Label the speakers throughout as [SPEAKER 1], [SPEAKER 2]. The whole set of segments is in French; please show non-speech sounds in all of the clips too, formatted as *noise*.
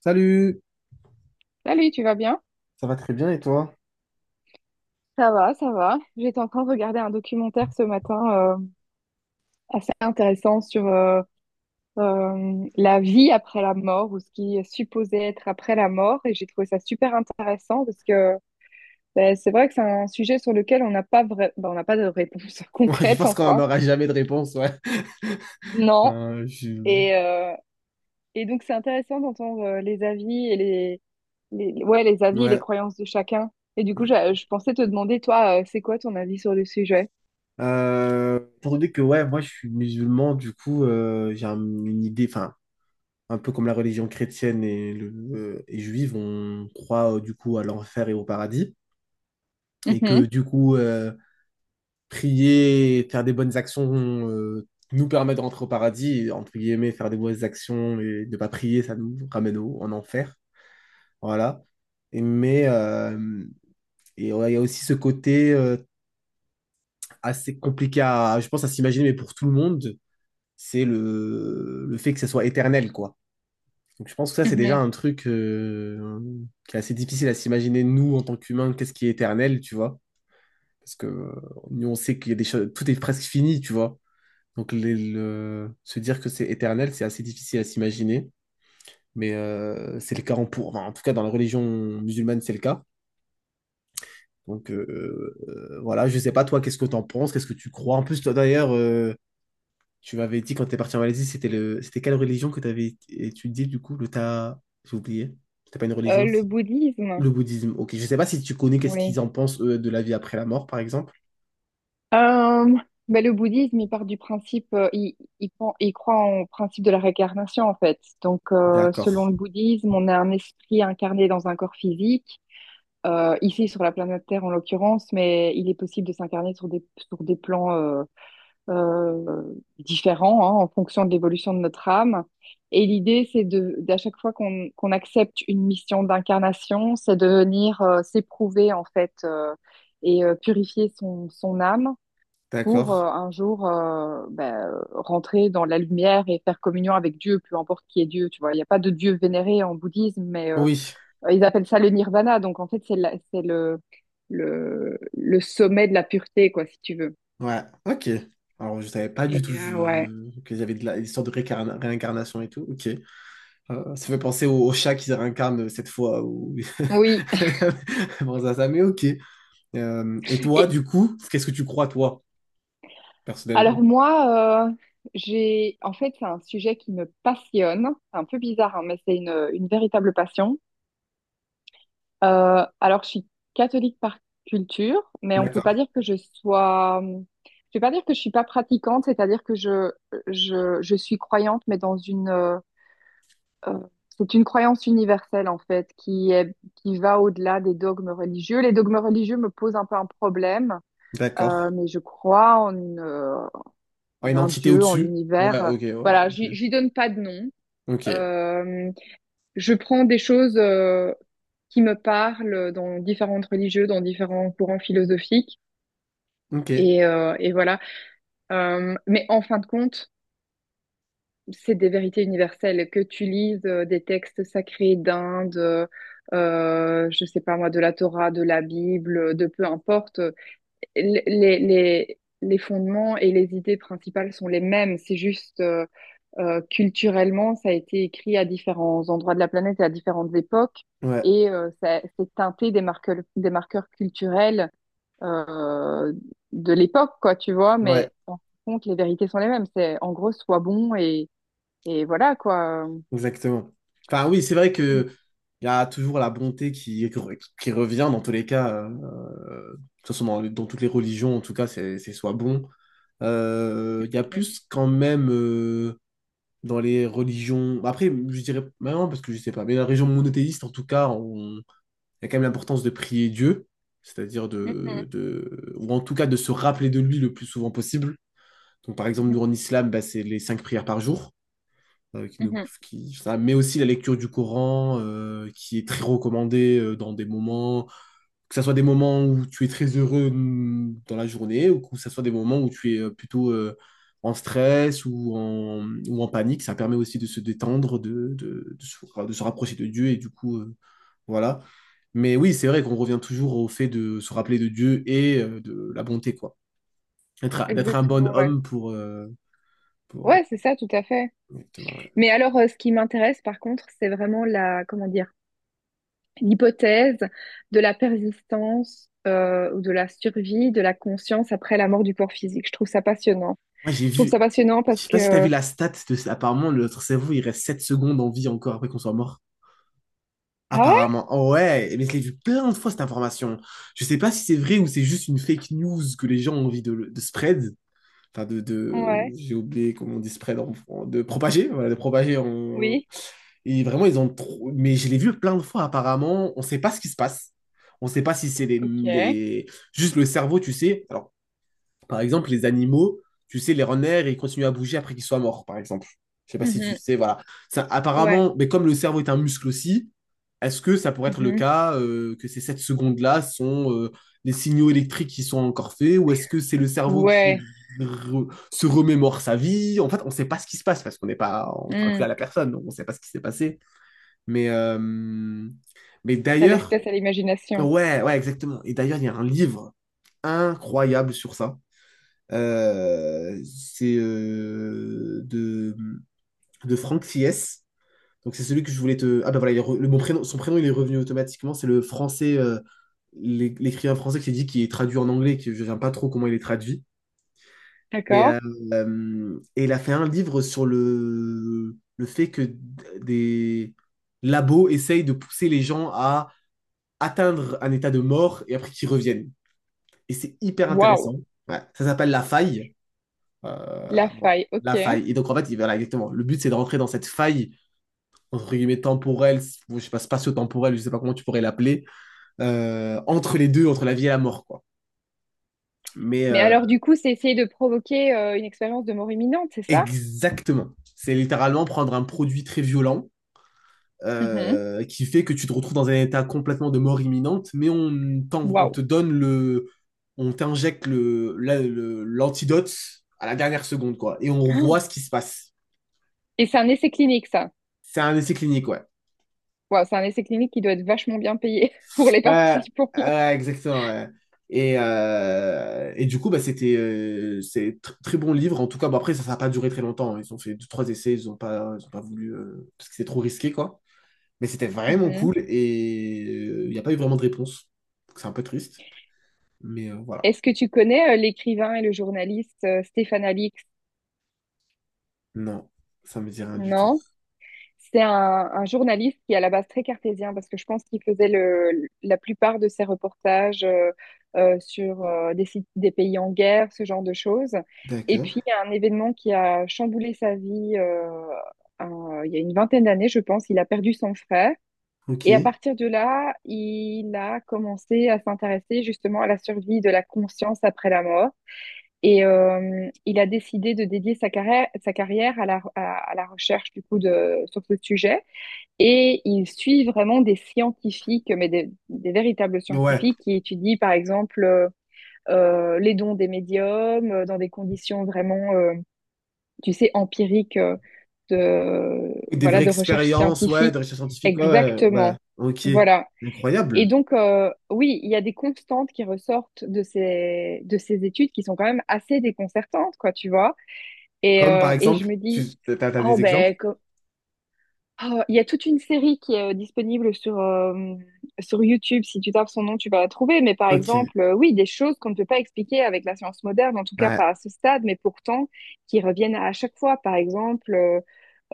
[SPEAKER 1] Salut!
[SPEAKER 2] Salut, tu vas bien?
[SPEAKER 1] Ça va très bien et toi? *laughs*
[SPEAKER 2] Ça va, ça va. J'étais en train de regarder un documentaire ce matin assez intéressant sur la vie après la mort ou ce qui est supposé être après la mort et j'ai trouvé ça super intéressant parce que ben, c'est vrai que c'est un sujet sur lequel on n'a pas ben, on n'a pas de réponse *laughs*
[SPEAKER 1] Ouais, je
[SPEAKER 2] concrète
[SPEAKER 1] pense qu'on
[SPEAKER 2] enfin.
[SPEAKER 1] n'aura jamais de réponse, ouais.
[SPEAKER 2] Non.
[SPEAKER 1] Enfin, je.
[SPEAKER 2] Et, euh, et donc c'est intéressant d'entendre les avis les ouais les avis et les
[SPEAKER 1] Ouais.
[SPEAKER 2] croyances de chacun. Et du coup, je pensais te demander toi, c'est quoi ton avis sur le sujet?
[SPEAKER 1] Étant donné que ouais, moi je suis musulman, du coup j'ai une idée, enfin un peu comme la religion chrétienne et juive, on croit du coup à l'enfer et au paradis, et que
[SPEAKER 2] Mhm,
[SPEAKER 1] du coup prier, faire des bonnes actions nous permet de rentrer au paradis, et, entre guillemets, faire des mauvaises actions et ne pas prier, ça nous ramène en enfer, voilà. Et, mais euh, Et ouais, il y a aussi ce côté assez compliqué à, je pense, à s'imaginer, mais pour tout le monde, c'est le fait que ça soit éternel, quoi. Donc je pense que ça, c'est déjà
[SPEAKER 2] mhm.
[SPEAKER 1] un truc qui est assez difficile à s'imaginer, nous, en tant qu'humains, qu'est-ce qui est éternel, tu vois. Parce que nous, on sait qu'il y a des choses, tout est presque fini, tu vois. Donc se dire que c'est éternel, c'est assez difficile à s'imaginer. Mais c'est le cas enfin, en tout cas, dans la religion musulmane, c'est le cas. Donc voilà, je sais pas toi, qu'est-ce que t'en penses, qu'est-ce que tu crois. En plus, toi d'ailleurs, tu m'avais dit quand t'es parti en Malaisie, c'était quelle religion que t'avais étudié du coup, j'ai oublié. C'était pas une religion,
[SPEAKER 2] Le
[SPEAKER 1] si. Le
[SPEAKER 2] bouddhisme,
[SPEAKER 1] bouddhisme. Ok, je sais pas si tu connais qu'est-ce
[SPEAKER 2] oui.
[SPEAKER 1] qu'ils en pensent eux, de la vie après la mort, par exemple.
[SPEAKER 2] Euh, ben, le bouddhisme, il part du principe, il croit en principe de la réincarnation, en fait. Donc, selon
[SPEAKER 1] D'accord,
[SPEAKER 2] le bouddhisme, on a un esprit incarné dans un corps physique, ici sur la planète Terre en l'occurrence, mais il est possible de s'incarner sur des plans différents hein, en fonction de l'évolution de notre âme. Et l'idée, c'est de, d'à chaque fois qu'on accepte une mission d'incarnation, c'est de venir s'éprouver en fait et purifier son, son âme pour
[SPEAKER 1] d'accord.
[SPEAKER 2] un jour ben, rentrer dans la lumière et faire communion avec Dieu, peu importe qui est Dieu. Tu vois, il n'y a pas de Dieu vénéré en bouddhisme, mais
[SPEAKER 1] Oui,
[SPEAKER 2] ils appellent ça le nirvana. Donc en fait, c'est le, le sommet de la pureté, quoi, si tu veux.
[SPEAKER 1] ouais, ok. Alors je savais pas du tout
[SPEAKER 2] Et, ouais.
[SPEAKER 1] qu'il y avait l'histoire de réincarnation et tout. Ok. Ça fait penser au chat qui se réincarne cette fois ou
[SPEAKER 2] Oui.
[SPEAKER 1] *laughs* bon, mais ok. Et
[SPEAKER 2] *laughs*
[SPEAKER 1] toi,
[SPEAKER 2] Et,
[SPEAKER 1] du coup, qu'est-ce que tu crois, toi,
[SPEAKER 2] alors
[SPEAKER 1] personnellement?
[SPEAKER 2] moi, j'ai en fait c'est un sujet qui me passionne. C'est un peu bizarre, hein, mais c'est une véritable passion. Alors je suis catholique par culture, mais on peut pas
[SPEAKER 1] D'accord,
[SPEAKER 2] dire que je sois. Je vais pas dire que je suis pas pratiquante, c'est-à-dire que je suis croyante, mais dans une euh, c'est une croyance universelle en fait qui est qui va au-delà des dogmes religieux. Les dogmes religieux me posent un peu un problème,
[SPEAKER 1] d'accord.
[SPEAKER 2] mais je crois en une
[SPEAKER 1] Ouais,
[SPEAKER 2] en
[SPEAKER 1] une
[SPEAKER 2] un
[SPEAKER 1] entité
[SPEAKER 2] dieu, en
[SPEAKER 1] au-dessus? Ouais,
[SPEAKER 2] l'univers.
[SPEAKER 1] ok, ouais,
[SPEAKER 2] Voilà,
[SPEAKER 1] ok.
[SPEAKER 2] j'y donne pas de nom.
[SPEAKER 1] Ok,
[SPEAKER 2] Euh, je prends des choses qui me parlent dans différentes religieux, dans différents courants philosophiques.
[SPEAKER 1] ok,
[SPEAKER 2] Et voilà. Mais en fin de compte, c'est des vérités universelles. Que tu lises des textes sacrés d'Inde, je sais pas moi, de la Torah, de la Bible, de peu importe, les fondements et les idées principales sont les mêmes. C'est juste, euh, culturellement, ça a été écrit à différents endroits de la planète et à différentes époques,
[SPEAKER 1] ouais,
[SPEAKER 2] et ça c'est teinté des marqueurs culturels euh, de l'époque, quoi, tu vois.
[SPEAKER 1] ouais,
[SPEAKER 2] Mais en fin de compte, les vérités sont les mêmes. C'est en gros, sois bon et voilà, quoi.
[SPEAKER 1] exactement. Enfin, oui, c'est vrai
[SPEAKER 2] Et-
[SPEAKER 1] que il y a toujours la bonté qui revient dans tous les cas, de toute façon, dans toutes les religions, en tout cas, c'est soit bon. Il y a plus quand même dans les religions. Après, je dirais maintenant parce que je sais pas, mais la religion monothéiste, en tout cas, on il y a quand même l'importance de prier Dieu, c'est-à-dire
[SPEAKER 2] mhm,
[SPEAKER 1] ou en tout cas de se rappeler de lui le plus souvent possible. Donc par exemple,
[SPEAKER 2] mhm,
[SPEAKER 1] nous en islam, bah, c'est les cinq prières par jour, qui nous-
[SPEAKER 2] mhm.
[SPEAKER 1] qui- ça, mais aussi la lecture du Coran, qui est très recommandée dans des moments que ça soit des moments où tu es très heureux dans la journée ou que ça soit des moments où tu es plutôt en stress ou ou en panique. Ça permet aussi de se détendre, de se, enfin, de se rapprocher de Dieu et du coup, voilà. Mais oui, c'est vrai qu'on revient toujours au fait de se rappeler de Dieu et de la bonté, quoi. D'être un bon
[SPEAKER 2] Exactement, ouais.
[SPEAKER 1] homme pour
[SPEAKER 2] Ouais, c'est ça, tout à fait.
[SPEAKER 1] exactement, ouais.
[SPEAKER 2] Mais alors, ce qui m'intéresse, par contre, c'est vraiment la, comment dire, l'hypothèse de la persistance ou de la survie de la conscience après la mort du corps physique. Je trouve ça passionnant.
[SPEAKER 1] Moi, j'ai
[SPEAKER 2] Je trouve
[SPEAKER 1] vu.
[SPEAKER 2] ça passionnant
[SPEAKER 1] Je
[SPEAKER 2] parce
[SPEAKER 1] sais pas si t'as
[SPEAKER 2] que...
[SPEAKER 1] vu la stat de. Apparemment, notre cerveau, il reste 7 secondes en vie encore après qu'on soit mort.
[SPEAKER 2] Ah ouais?
[SPEAKER 1] Apparemment. Oh ouais, mais je l'ai vu plein de fois cette information. Je sais pas si c'est vrai ou c'est juste une fake news que les gens ont envie de spread. Enfin, de
[SPEAKER 2] Ouais.
[SPEAKER 1] j'ai oublié comment on dit spread de propager. Voilà, de propager en.
[SPEAKER 2] Oui.
[SPEAKER 1] Et vraiment, ils ont trop. Mais je l'ai vu plein de fois apparemment. On sait pas ce qui se passe. On sait pas si c'est les,
[SPEAKER 2] Ok.
[SPEAKER 1] les... Juste le cerveau, tu sais. Alors, par exemple, les animaux, tu sais, les renards, ils continuent à bouger après qu'ils soient morts, par exemple. Je sais pas si tu
[SPEAKER 2] Mhm.
[SPEAKER 1] sais, voilà. Ça,
[SPEAKER 2] Ouais.
[SPEAKER 1] apparemment, mais comme le cerveau est un muscle aussi, est-ce que ça pourrait être le
[SPEAKER 2] Mhm.
[SPEAKER 1] cas que ces 7 secondes-là sont les signaux électriques qui sont encore faits ou est-ce que c'est le cerveau qui
[SPEAKER 2] Ouais.
[SPEAKER 1] se remémore sa vie? En fait, on ne sait pas ce qui se passe parce qu'on n'est pas, on parle plus
[SPEAKER 2] Hmm.
[SPEAKER 1] à la personne, donc on ne sait pas ce qui s'est passé. Mais, euh, mais
[SPEAKER 2] Ça laisse
[SPEAKER 1] d'ailleurs,
[SPEAKER 2] place à l'imagination.
[SPEAKER 1] ouais, ouais, exactement. Et d'ailleurs, il y a un livre incroyable sur ça, c'est, de Franck Fies. Donc c'est celui que je voulais te. Ah bah voilà, il est le, bon prénom, son prénom il est revenu automatiquement, c'est le français, l'écrivain français qui s'est dit qui est traduit en anglais, que je ne sais pas trop comment il est traduit. Et,
[SPEAKER 2] D'accord?
[SPEAKER 1] euh, et il a fait un livre sur le fait que des labos essayent de pousser les gens à atteindre un état de mort et après qu'ils reviennent. Et c'est hyper
[SPEAKER 2] Waouh.
[SPEAKER 1] intéressant. Ouais. Ça s'appelle La Faille. Euh,
[SPEAKER 2] La
[SPEAKER 1] voilà.
[SPEAKER 2] faille.
[SPEAKER 1] La
[SPEAKER 2] Ok.
[SPEAKER 1] faille. Et donc, en fait, voilà, exactement. Le but, c'est de rentrer dans cette faille, entre guillemets, temporelle, je sais pas, spatio-temporelle, je sais pas comment tu pourrais l'appeler, entre les deux, entre la vie et la mort, quoi. Mais
[SPEAKER 2] Mais
[SPEAKER 1] euh,
[SPEAKER 2] alors, du coup, c'est essayer de provoquer une expérience de mort imminente, c'est ça?
[SPEAKER 1] Exactement. C'est littéralement prendre un produit très violent,
[SPEAKER 2] Mhm.
[SPEAKER 1] qui fait que tu te retrouves dans un état complètement de mort imminente, mais on
[SPEAKER 2] Waouh.
[SPEAKER 1] te donne le. On t'injecte l'antidote à la dernière seconde, quoi. Et on voit
[SPEAKER 2] Oh.
[SPEAKER 1] ce qui se passe.
[SPEAKER 2] Et c'est un essai clinique, ça.
[SPEAKER 1] C'est un essai clinique, ouais.
[SPEAKER 2] Waouh, c'est un essai clinique qui doit être vachement bien payé *laughs* pour les
[SPEAKER 1] Ouais,
[SPEAKER 2] participants.
[SPEAKER 1] ouais, exactement, ouais. Et du coup, bah, c'est très bon livre. En tout cas, bon, après, ça n'a pas duré très longtemps, hein. Ils ont fait deux, trois essais, ils n'ont pas, ils ont pas voulu, parce que c'est trop risqué, quoi. Mais c'était vraiment
[SPEAKER 2] Mhm.
[SPEAKER 1] cool et il n'y a pas eu vraiment de réponse. Donc, c'est un peu triste. Mais, voilà.
[SPEAKER 2] Est-ce que tu connais l'écrivain et le journaliste Stéphane Alix?
[SPEAKER 1] Non, ça me dit rien du tout.
[SPEAKER 2] Non. C'est un journaliste qui est à la base très cartésien parce que je pense qu'il faisait le, la plupart de ses reportages sur des pays en guerre, ce genre de choses. Et
[SPEAKER 1] D'accord.
[SPEAKER 2] puis, il y a un événement qui a chamboulé sa vie un- il y a une vingtaine d'années, je pense. Il a perdu son frère. Et à
[SPEAKER 1] Ok.
[SPEAKER 2] partir de là, il a commencé à s'intéresser justement à la survie de la conscience après la mort. Et il a décidé de dédier sa carrière à la recherche du coup de, sur ce sujet. Et il suit vraiment des scientifiques, mais des véritables
[SPEAKER 1] Ouais.
[SPEAKER 2] scientifiques qui étudient par exemple les dons des médiums dans des conditions vraiment, tu sais, empiriques de,
[SPEAKER 1] Des vraies
[SPEAKER 2] voilà, de recherche
[SPEAKER 1] expériences, ouais, de
[SPEAKER 2] scientifique.
[SPEAKER 1] recherche scientifique, ouais, ouais, ouais.
[SPEAKER 2] Exactement.
[SPEAKER 1] Ok.
[SPEAKER 2] Voilà. Et
[SPEAKER 1] Incroyable.
[SPEAKER 2] donc, oui, il y a des constantes qui ressortent de ces études qui sont quand même assez déconcertantes, quoi, tu vois.
[SPEAKER 1] Comme par
[SPEAKER 2] Et je
[SPEAKER 1] exemple,
[SPEAKER 2] me dis,
[SPEAKER 1] t'as
[SPEAKER 2] oh
[SPEAKER 1] des exemples?
[SPEAKER 2] ben, co- ah, il y a toute une série qui est disponible sur YouTube. Si tu tapes son nom, tu vas la trouver. Mais par
[SPEAKER 1] Ok.
[SPEAKER 2] exemple, oui, des choses qu'on ne peut pas expliquer avec la science moderne, en tout cas
[SPEAKER 1] Ouais.
[SPEAKER 2] pas à ce stade, mais pourtant qui reviennent à chaque fois. Par exemple,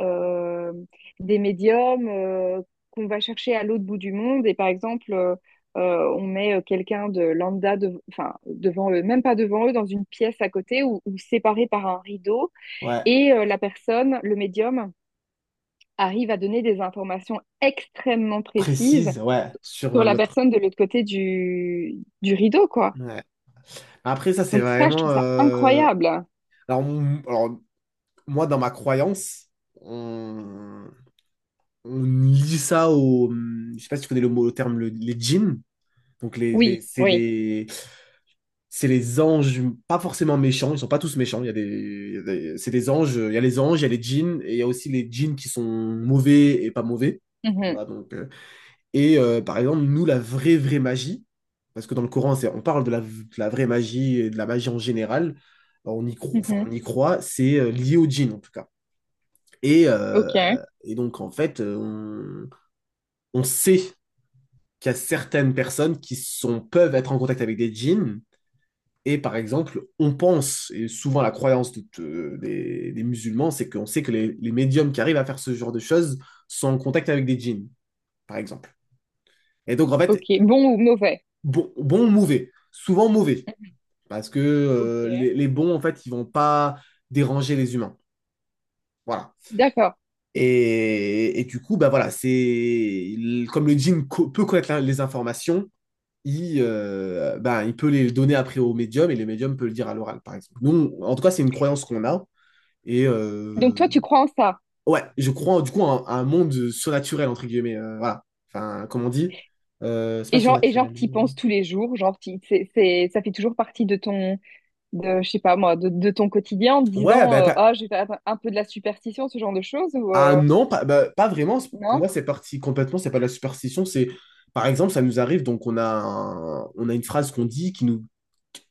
[SPEAKER 2] euh, des médiums qu'on va chercher à l'autre bout du monde. Et par exemple, on met quelqu'un de lambda, de, enfin, devant eux, même pas devant eux, dans une pièce à côté ou séparé par un rideau.
[SPEAKER 1] Ouais,
[SPEAKER 2] Et la personne, le médium, arrive à donner des informations extrêmement précises
[SPEAKER 1] précise, ouais, sur
[SPEAKER 2] sur la
[SPEAKER 1] l'autre.
[SPEAKER 2] personne de l'autre côté du rideau, quoi.
[SPEAKER 1] Ouais. Après, ça, c'est
[SPEAKER 2] Donc ça, je
[SPEAKER 1] vraiment.
[SPEAKER 2] trouve ça
[SPEAKER 1] euh,
[SPEAKER 2] incroyable.
[SPEAKER 1] Alors, moi, dans ma croyance, on, on lit ça au. Je sais pas si tu connais le mot, le terme, les djinns. Donc,
[SPEAKER 2] Oui, oui.
[SPEAKER 1] c'est les anges, pas forcément méchants, ils sont pas tous méchants. Il y a des, il y a des- C'est des anges, il y a les anges, il y a les djinns, et il y a aussi les djinns qui sont mauvais et pas mauvais.
[SPEAKER 2] Mhm,
[SPEAKER 1] Voilà, donc, et par exemple, nous, la vraie, vraie magie, parce que dans le Coran, on parle de la vraie magie et de la magie en général, on y croit, enfin,
[SPEAKER 2] mhm.
[SPEAKER 1] on y croit, c'est lié au djinn en tout cas. Et,
[SPEAKER 2] Ok,
[SPEAKER 1] euh, et donc, en fait, on sait qu'il y a certaines personnes qui sont, peuvent être en contact avec des djinns. Et par exemple, on pense, et souvent la croyance des musulmans, c'est qu'on sait que les médiums qui arrivent à faire ce genre de choses sont en contact avec des djinns, par exemple. Et donc, en
[SPEAKER 2] ok.
[SPEAKER 1] fait,
[SPEAKER 2] Bon ou mauvais?
[SPEAKER 1] bon, bon ou mauvais. Souvent mauvais. Parce que
[SPEAKER 2] Ok.
[SPEAKER 1] les bons, en fait, ils vont pas déranger les humains. Voilà.
[SPEAKER 2] D'accord.
[SPEAKER 1] Et du coup, bah voilà, c'est comme le djinn peut connaître les informations, bah, il peut les donner après au médium et le médium peut le dire à l'oral, par exemple. Nous, en tout cas, c'est une croyance qu'on a. Et
[SPEAKER 2] Donc toi,
[SPEAKER 1] euh,
[SPEAKER 2] tu crois en ça.
[SPEAKER 1] ouais, je crois du coup à un monde surnaturel, entre guillemets, voilà. Enfin, comme on dit, c'est pas
[SPEAKER 2] Et genre,
[SPEAKER 1] surnaturel.
[SPEAKER 2] t'y penses tous les jours, genre, t'y- c'est, ça fait toujours partie de ton, de, je sais pas moi, de ton quotidien en te
[SPEAKER 1] Ouais,
[SPEAKER 2] disant,
[SPEAKER 1] bah.
[SPEAKER 2] ah, j'ai fait un peu de la superstition, ce genre de choses, ou
[SPEAKER 1] Ah non, pas, bah, pas vraiment. Pour
[SPEAKER 2] non?
[SPEAKER 1] moi, c'est parti complètement. C'est pas de la superstition. C'est, par exemple, ça nous arrive. Donc, on a une phrase qu'on dit qui nous,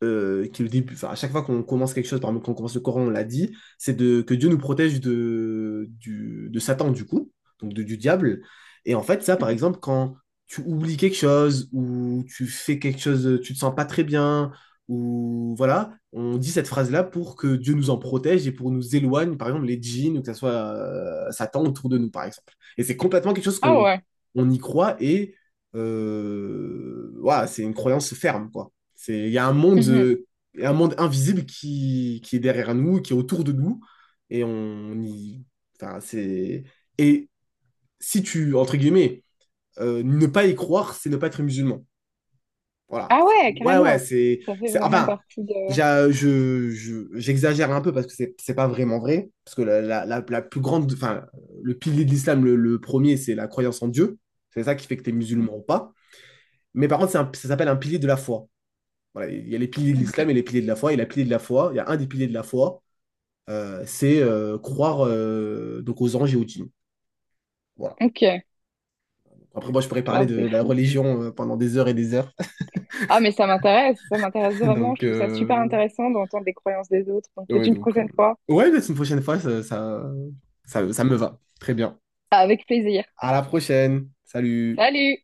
[SPEAKER 1] qui est le début, enfin, à chaque fois qu'on commence quelque chose, par exemple, quand on commence le Coran, on l'a dit, que Dieu nous protège de Satan, du coup, donc du diable. Et en fait, ça, par
[SPEAKER 2] Mhm.
[SPEAKER 1] exemple, quand tu oublies quelque chose ou tu fais quelque chose, tu te sens pas très bien, ou voilà, on dit cette phrase-là pour que Dieu nous en protège et pour nous éloigne, par exemple, les djinns ou que ça soit Satan autour de nous, par exemple. Et c'est complètement quelque chose
[SPEAKER 2] Ah
[SPEAKER 1] qu'on
[SPEAKER 2] ouais.
[SPEAKER 1] on y croit et voilà, c'est une croyance ferme, quoi. C'est,
[SPEAKER 2] Mhm.
[SPEAKER 1] il y a un monde invisible qui est derrière nous, qui est autour de nous, et on y, enfin, c'est, et si tu, entre guillemets, ne pas y croire, c'est ne pas être musulman. Voilà.
[SPEAKER 2] Ah ouais,
[SPEAKER 1] Ouais, ouais,
[SPEAKER 2] carrément. Ça fait vraiment
[SPEAKER 1] enfin,
[SPEAKER 2] partie de...
[SPEAKER 1] j'exagère un peu parce que c'est pas vraiment vrai, parce que la plus grande, enfin, le pilier de l'islam, le premier, c'est la croyance en Dieu. C'est ça qui fait que tu es musulman ou pas. Mais par contre, ça s'appelle un pilier de la foi. Voilà, il y a les piliers de l'islam et les piliers de la foi. Il y a un des piliers de la foi, c'est croire donc aux anges et aux djinns. Voilà.
[SPEAKER 2] Ok,
[SPEAKER 1] Après, moi, je pourrais parler
[SPEAKER 2] wow, c'est
[SPEAKER 1] de la
[SPEAKER 2] fou.
[SPEAKER 1] religion pendant des heures et des heures.
[SPEAKER 2] Ah mais ça m'intéresse
[SPEAKER 1] *laughs*
[SPEAKER 2] vraiment. Je
[SPEAKER 1] Donc,
[SPEAKER 2] trouve ça super
[SPEAKER 1] euh,
[SPEAKER 2] intéressant d'entendre les croyances des autres. Donc peut-être
[SPEAKER 1] ouais,
[SPEAKER 2] une
[SPEAKER 1] donc, euh,
[SPEAKER 2] prochaine fois.
[SPEAKER 1] ouais, mais une prochaine fois, ça me va. Très bien.
[SPEAKER 2] Avec plaisir.
[SPEAKER 1] À la prochaine. Salut.
[SPEAKER 2] Salut!